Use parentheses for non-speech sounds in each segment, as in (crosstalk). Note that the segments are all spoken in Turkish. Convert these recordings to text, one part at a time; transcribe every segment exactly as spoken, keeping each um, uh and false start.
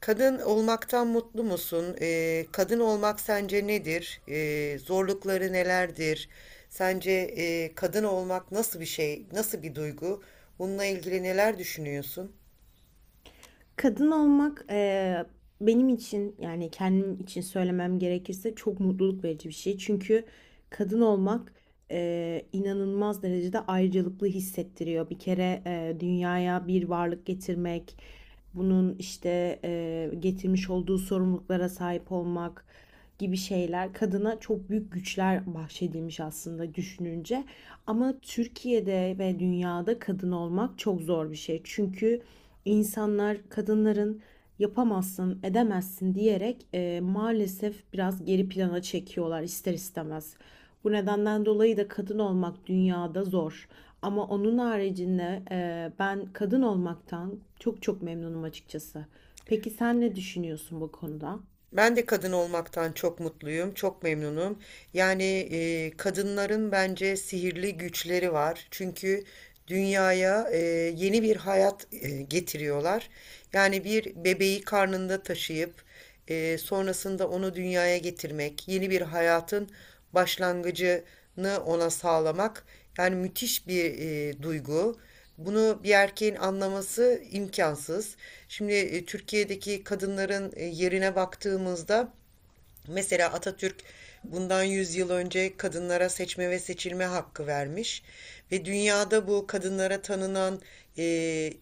Kadın olmaktan mutlu musun? Ee, kadın olmak sence nedir? Ee, zorlukları nelerdir? Sence e, kadın olmak nasıl bir şey, nasıl bir duygu? Bununla ilgili neler düşünüyorsun? Kadın olmak eee, benim için yani kendim için söylemem gerekirse çok mutluluk verici bir şey. Çünkü kadın olmak eee, inanılmaz derecede ayrıcalıklı hissettiriyor. Bir kere eee, dünyaya bir varlık getirmek, bunun işte eee, getirmiş olduğu sorumluluklara sahip olmak gibi şeyler kadına çok büyük güçler bahşedilmiş aslında düşününce. Ama Türkiye'de ve dünyada kadın olmak çok zor bir şey. Çünkü insanlar kadınların yapamazsın, edemezsin diyerek e, maalesef biraz geri plana çekiyorlar ister istemez. Bu nedenden dolayı da kadın olmak dünyada zor. Ama onun haricinde e, ben kadın olmaktan çok çok memnunum açıkçası. Peki sen ne düşünüyorsun bu konuda? Ben de kadın olmaktan çok mutluyum, çok memnunum. Yani e, kadınların bence sihirli güçleri var. Çünkü dünyaya e, yeni bir hayat e, getiriyorlar. Yani bir bebeği karnında taşıyıp e, sonrasında onu dünyaya getirmek, yeni bir hayatın başlangıcını ona sağlamak. Yani müthiş bir e, duygu. Bunu bir erkeğin anlaması imkansız. Şimdi e, Türkiye'deki kadınların e, yerine baktığımızda mesela Atatürk bundan yüz yıl önce kadınlara seçme ve seçilme hakkı vermiş ve dünyada bu kadınlara tanınan e,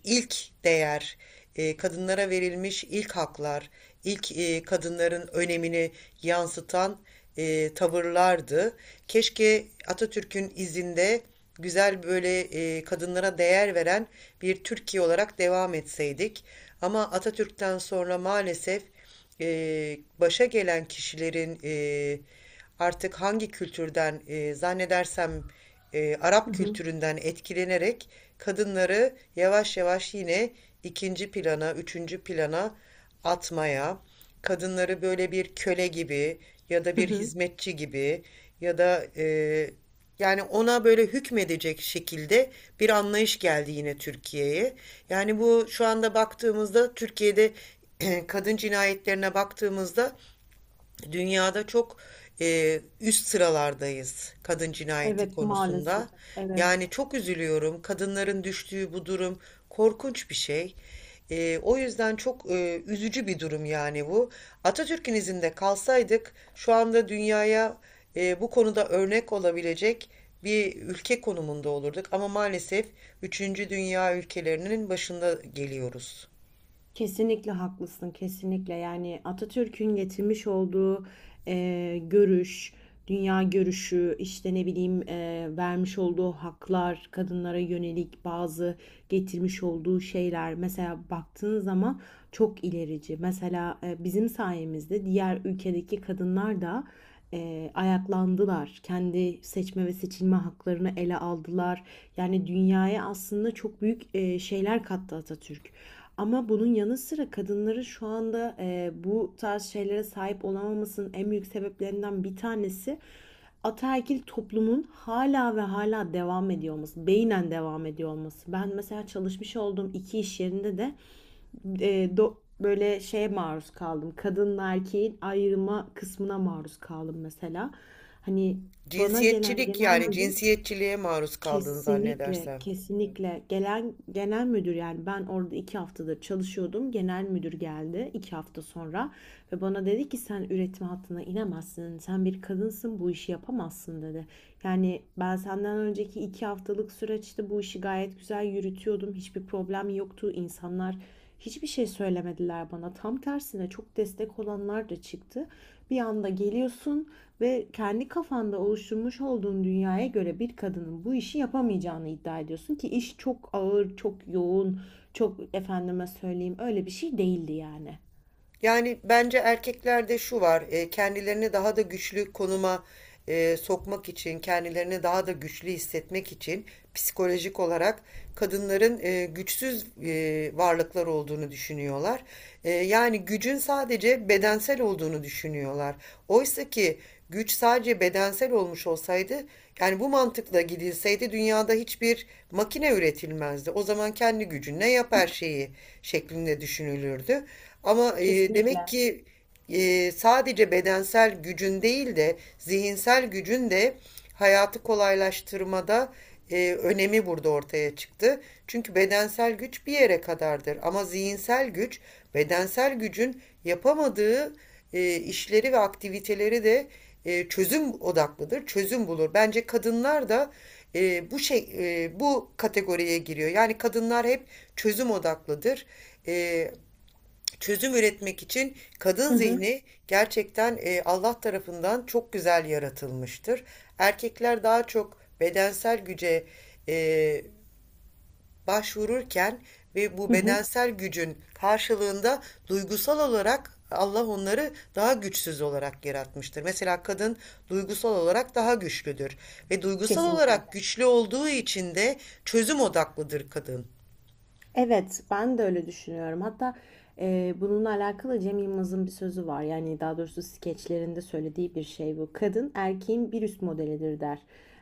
ilk değer, e, kadınlara verilmiş ilk haklar, ilk e, kadınların önemini yansıtan e, tavırlardı. Keşke Atatürk'ün izinde güzel böyle e, kadınlara değer veren bir Türkiye olarak devam etseydik. Ama Atatürk'ten sonra maalesef e, başa gelen kişilerin e, artık hangi kültürden e, zannedersem e, Hı Arap hı. kültüründen etkilenerek kadınları yavaş yavaş yine ikinci plana, üçüncü plana atmaya, kadınları böyle bir köle gibi ya da Hı bir hı. hizmetçi gibi ya da e, yani ona böyle hükmedecek şekilde bir anlayış geldi yine Türkiye'ye. Yani bu, şu anda baktığımızda Türkiye'de (clears throat) kadın cinayetlerine baktığımızda dünyada çok e, üst sıralardayız kadın cinayeti Evet, maalesef. konusunda. Evet. Yani çok üzülüyorum. Kadınların düştüğü bu durum korkunç bir şey. E, o yüzden çok e, üzücü bir durum yani bu. Atatürk'ün izinde kalsaydık şu anda dünyaya e, bu konuda örnek olabilecek bir ülke konumunda olurduk. Ama maalesef üçüncü dünya ülkelerinin başında geliyoruz. Kesinlikle haklısın, kesinlikle. Yani Atatürk'ün getirmiş olduğu e, görüş, dünya görüşü, işte ne bileyim e, vermiş olduğu haklar, kadınlara yönelik bazı getirmiş olduğu şeyler. Mesela baktığın zaman çok ilerici. Mesela e, bizim sayemizde diğer ülkedeki kadınlar da e, ayaklandılar. Kendi seçme ve seçilme haklarını ele aldılar. Yani dünyaya aslında çok büyük e, şeyler kattı Atatürk. Ama bunun yanı sıra kadınların şu anda eee, bu tarz şeylere sahip olamamasının en büyük sebeplerinden bir tanesi ataerkil toplumun hala ve hala devam ediyor olması, beynen devam ediyor olması. Ben mesela çalışmış olduğum iki iş yerinde de eee, do- böyle şeye maruz kaldım. Kadınla erkeğin ayrıma kısmına maruz kaldım mesela. Hani bana gelen Cinsiyetçilik, genel yani müdür. cinsiyetçiliğe maruz kaldığını Kesinlikle, zannedersem. kesinlikle. Gelen genel müdür, yani ben orada iki haftadır çalışıyordum. Genel müdür geldi iki hafta sonra ve bana dedi ki sen üretim hattına inemezsin. Sen bir kadınsın, bu işi yapamazsın dedi. Yani ben senden önceki iki haftalık süreçte işte bu işi gayet güzel yürütüyordum. Hiçbir problem yoktu. İnsanlar hiçbir şey söylemediler bana. Tam tersine çok destek olanlar da çıktı. Bir anda geliyorsun ve kendi kafanda oluşturmuş olduğun dünyaya göre bir kadının bu işi yapamayacağını iddia ediyorsun ki iş çok ağır, çok yoğun, çok efendime söyleyeyim öyle bir şey değildi yani. Yani bence erkeklerde şu var: e, kendilerini daha da güçlü konuma e, sokmak için, kendilerini daha da güçlü hissetmek için psikolojik olarak kadınların e, güçsüz e, varlıklar olduğunu düşünüyorlar. E, yani gücün sadece bedensel olduğunu düşünüyorlar. Oysa ki güç sadece bedensel olmuş olsaydı, yani bu mantıkla gidilseydi dünyada hiçbir makine üretilmezdi. O zaman kendi gücünle yap her şeyi şeklinde düşünülürdü. Ama e, demek Kesinlikle. ki e, sadece bedensel gücün değil de zihinsel gücün de hayatı kolaylaştırmada e, önemi burada ortaya çıktı. Çünkü bedensel güç bir yere kadardır, ama zihinsel güç bedensel gücün yapamadığı e, işleri ve aktiviteleri de e, çözüm odaklıdır, çözüm bulur. Bence kadınlar da e, bu şey e, bu kategoriye giriyor. Yani kadınlar hep çözüm odaklıdır. E, Çözüm üretmek için kadın Hı hı. zihni gerçekten e, Allah tarafından çok güzel yaratılmıştır. Erkekler daha çok bedensel güce e, başvururken ve bu Hı hı. bedensel gücün karşılığında duygusal olarak Allah onları daha güçsüz olarak yaratmıştır. Mesela kadın duygusal olarak daha güçlüdür ve duygusal Kesinlikle. olarak güçlü olduğu için de çözüm odaklıdır kadın. Evet, ben de öyle düşünüyorum. Hatta eee, bununla alakalı Cem Yılmaz'ın bir sözü var. Yani daha doğrusu skeçlerinde söylediği bir şey bu. Kadın erkeğin bir üst modelidir der.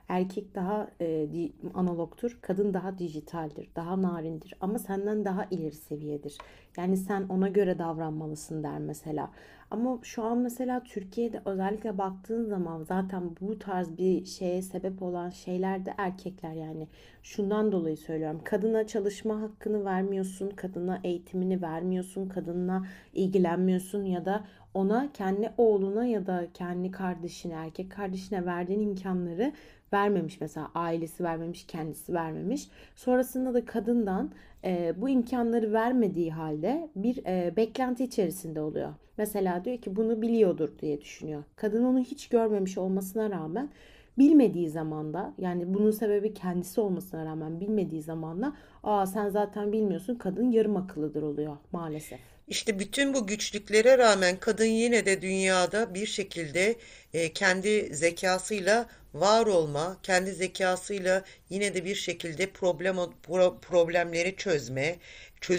Erkek daha eee, di- analogtur, kadın daha dijitaldir, daha narindir ama senden daha ileri seviyedir. Yani sen ona göre davranmalısın der mesela. Ama şu an mesela Türkiye'de özellikle baktığın zaman zaten bu tarz bir şeye sebep olan şeyler de erkekler yani. Şundan dolayı söylüyorum. Kadına çalışma hakkını vermiyorsun, kadına eğitimini vermiyorsun, kadınla ilgilenmiyorsun ya da ona kendi oğluna ya da kendi kardeşine, erkek kardeşine verdiğin imkanları vermemiş. Mesela ailesi vermemiş, kendisi vermemiş. Sonrasında da kadından e, bu imkanları vermediği halde bir e, beklenti içerisinde oluyor. Mesela diyor ki bunu biliyordur diye düşünüyor. Kadın onu hiç görmemiş olmasına rağmen, bilmediği zaman da yani bunun sebebi kendisi olmasına rağmen bilmediği zaman da aa sen zaten bilmiyorsun, kadın yarım akıllıdır oluyor maalesef. İşte bütün bu güçlüklere rağmen kadın yine de dünyada bir şekilde e, kendi zekasıyla var olma, kendi zekasıyla yine de bir şekilde problem pro- problemleri çözme,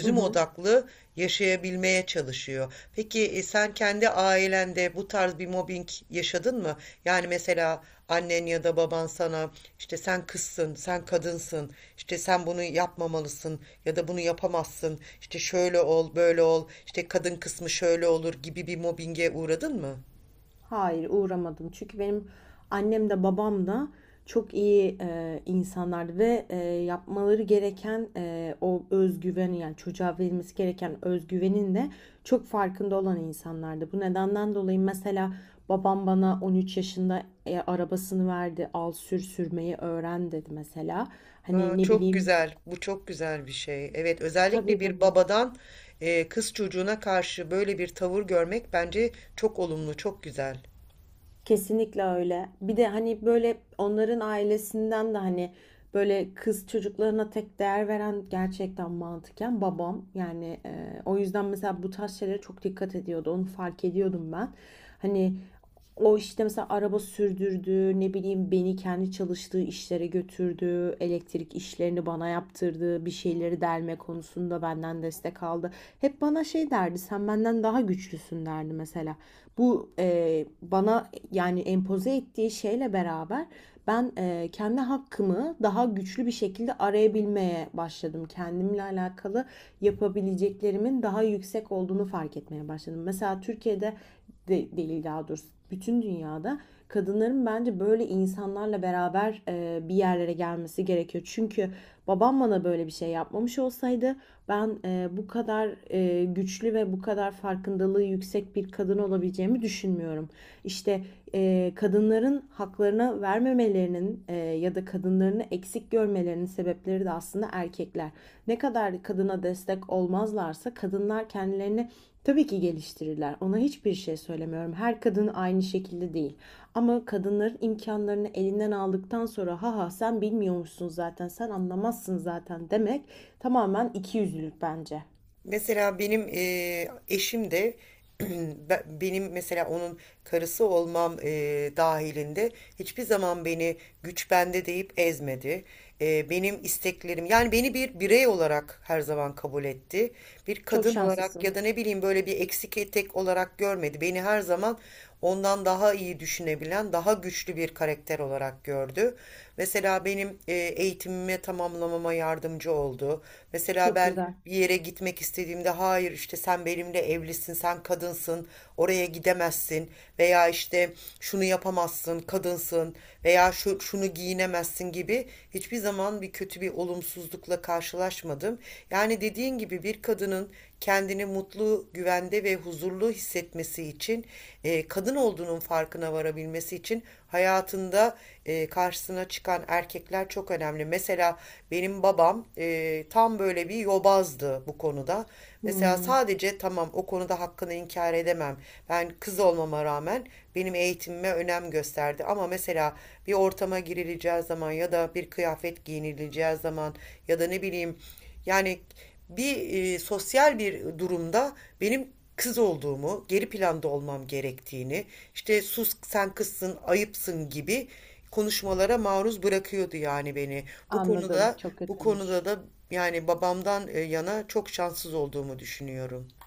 Hı hı. odaklı yaşayabilmeye çalışıyor. Peki e, sen kendi ailende bu tarz bir mobbing yaşadın mı? Yani mesela annen ya da baban sana işte sen kızsın, sen kadınsın, işte sen bunu yapmamalısın ya da bunu yapamazsın, işte şöyle ol, böyle ol, işte kadın kısmı şöyle olur gibi bir mobbinge uğradın mı? Hayır, uğramadım. Çünkü benim annem de babam da çok iyi e, insanlardı ve e, yapmaları gereken e, o özgüveni yani çocuğa verilmesi gereken özgüvenin de çok farkında olan insanlardı. Bu nedenden dolayı mesela babam bana on üç yaşında e, arabasını verdi, al sür, sürmeyi öğren dedi mesela. Aa, Hani ne çok bileyim. güzel, bu çok güzel bir şey. Evet, özellikle Tabii, bir tabii. babadan e, kız çocuğuna karşı böyle bir tavır görmek bence çok olumlu, çok güzel. Kesinlikle öyle. Bir de hani böyle onların ailesinden de hani böyle kız çocuklarına tek değer veren gerçekten mantıken babam. Yani e, o yüzden mesela bu tarz şeylere çok dikkat ediyordu. Onu fark ediyordum ben. Hani o işte mesela araba sürdürdü, ne bileyim beni kendi çalıştığı işlere götürdü, elektrik işlerini bana yaptırdı, bir şeyleri delme konusunda benden destek aldı. Hep bana şey derdi, sen benden daha güçlüsün derdi mesela. Bu e, bana yani empoze ettiği şeyle beraber ben e, kendi hakkımı daha güçlü bir şekilde arayabilmeye başladım. Kendimle alakalı yapabileceklerimin daha yüksek olduğunu fark etmeye başladım. Mesela Türkiye'de de, değil daha doğrusu bütün dünyada kadınların bence böyle insanlarla beraber e, bir yerlere gelmesi gerekiyor. Çünkü babam bana böyle bir şey yapmamış olsaydı ben e, bu kadar e, güçlü ve bu kadar farkındalığı yüksek bir kadın olabileceğimi düşünmüyorum. İşte e, kadınların haklarına vermemelerinin e, ya da kadınlarını eksik görmelerinin sebepleri de aslında erkekler. Ne kadar kadına destek olmazlarsa kadınlar kendilerini tabii ki geliştirirler. Ona hiçbir şey söylemiyorum. Her kadın aynı şekilde değil. Ama kadınların imkanlarını elinden aldıktan sonra ha ha sen bilmiyormuşsun zaten, sen anlamazsın zaten demek tamamen ikiyüzlülük bence. Mesela benim eee, eşim de (clears throat) be- benim mesela onun karısı olmam eee, dahilinde hiçbir zaman beni güç bende deyip ezmedi. Eee, benim isteklerim, yani beni bir birey olarak her zaman kabul etti. Bir Çok kadın olarak ya da şanslısın. ne bileyim böyle bir eksik etek olarak görmedi. Beni her zaman ondan daha iyi düşünebilen, daha güçlü bir karakter olarak gördü. Mesela benim eee eğitimime tamamlamama yardımcı oldu. Mesela Çok ben güzel. bir yere gitmek istediğimde hayır işte sen benimle evlisin, sen kadınsın, oraya gidemezsin veya işte şunu yapamazsın, kadınsın veya şu, şunu giyinemezsin gibi hiçbir zaman bir kötü bir olumsuzlukla karşılaşmadım. Yani dediğin gibi bir kadının kendini mutlu, güvende ve huzurlu hissetmesi için, e, kadın olduğunun farkına varabilmesi için hayatında e, karşısına çıkan erkekler çok önemli. Mesela benim babam e, tam böyle bir yobazdı bu konuda. Mesela Hmm, sadece, tamam, o konuda hakkını inkar edemem. Ben kız olmama rağmen benim eğitimime önem gösterdi. Ama mesela bir ortama girileceği zaman ya da bir kıyafet giyinileceği zaman ya da ne bileyim, yani bir e, sosyal bir durumda benim kız olduğumu, geri planda olmam gerektiğini, işte sus sen kızsın, ayıpsın gibi konuşmalara maruz bırakıyordu yani beni. Bu anladım. konuda Çok bu konuda kötüymüş. da yani babamdan e, yana çok şanssız olduğumu düşünüyorum.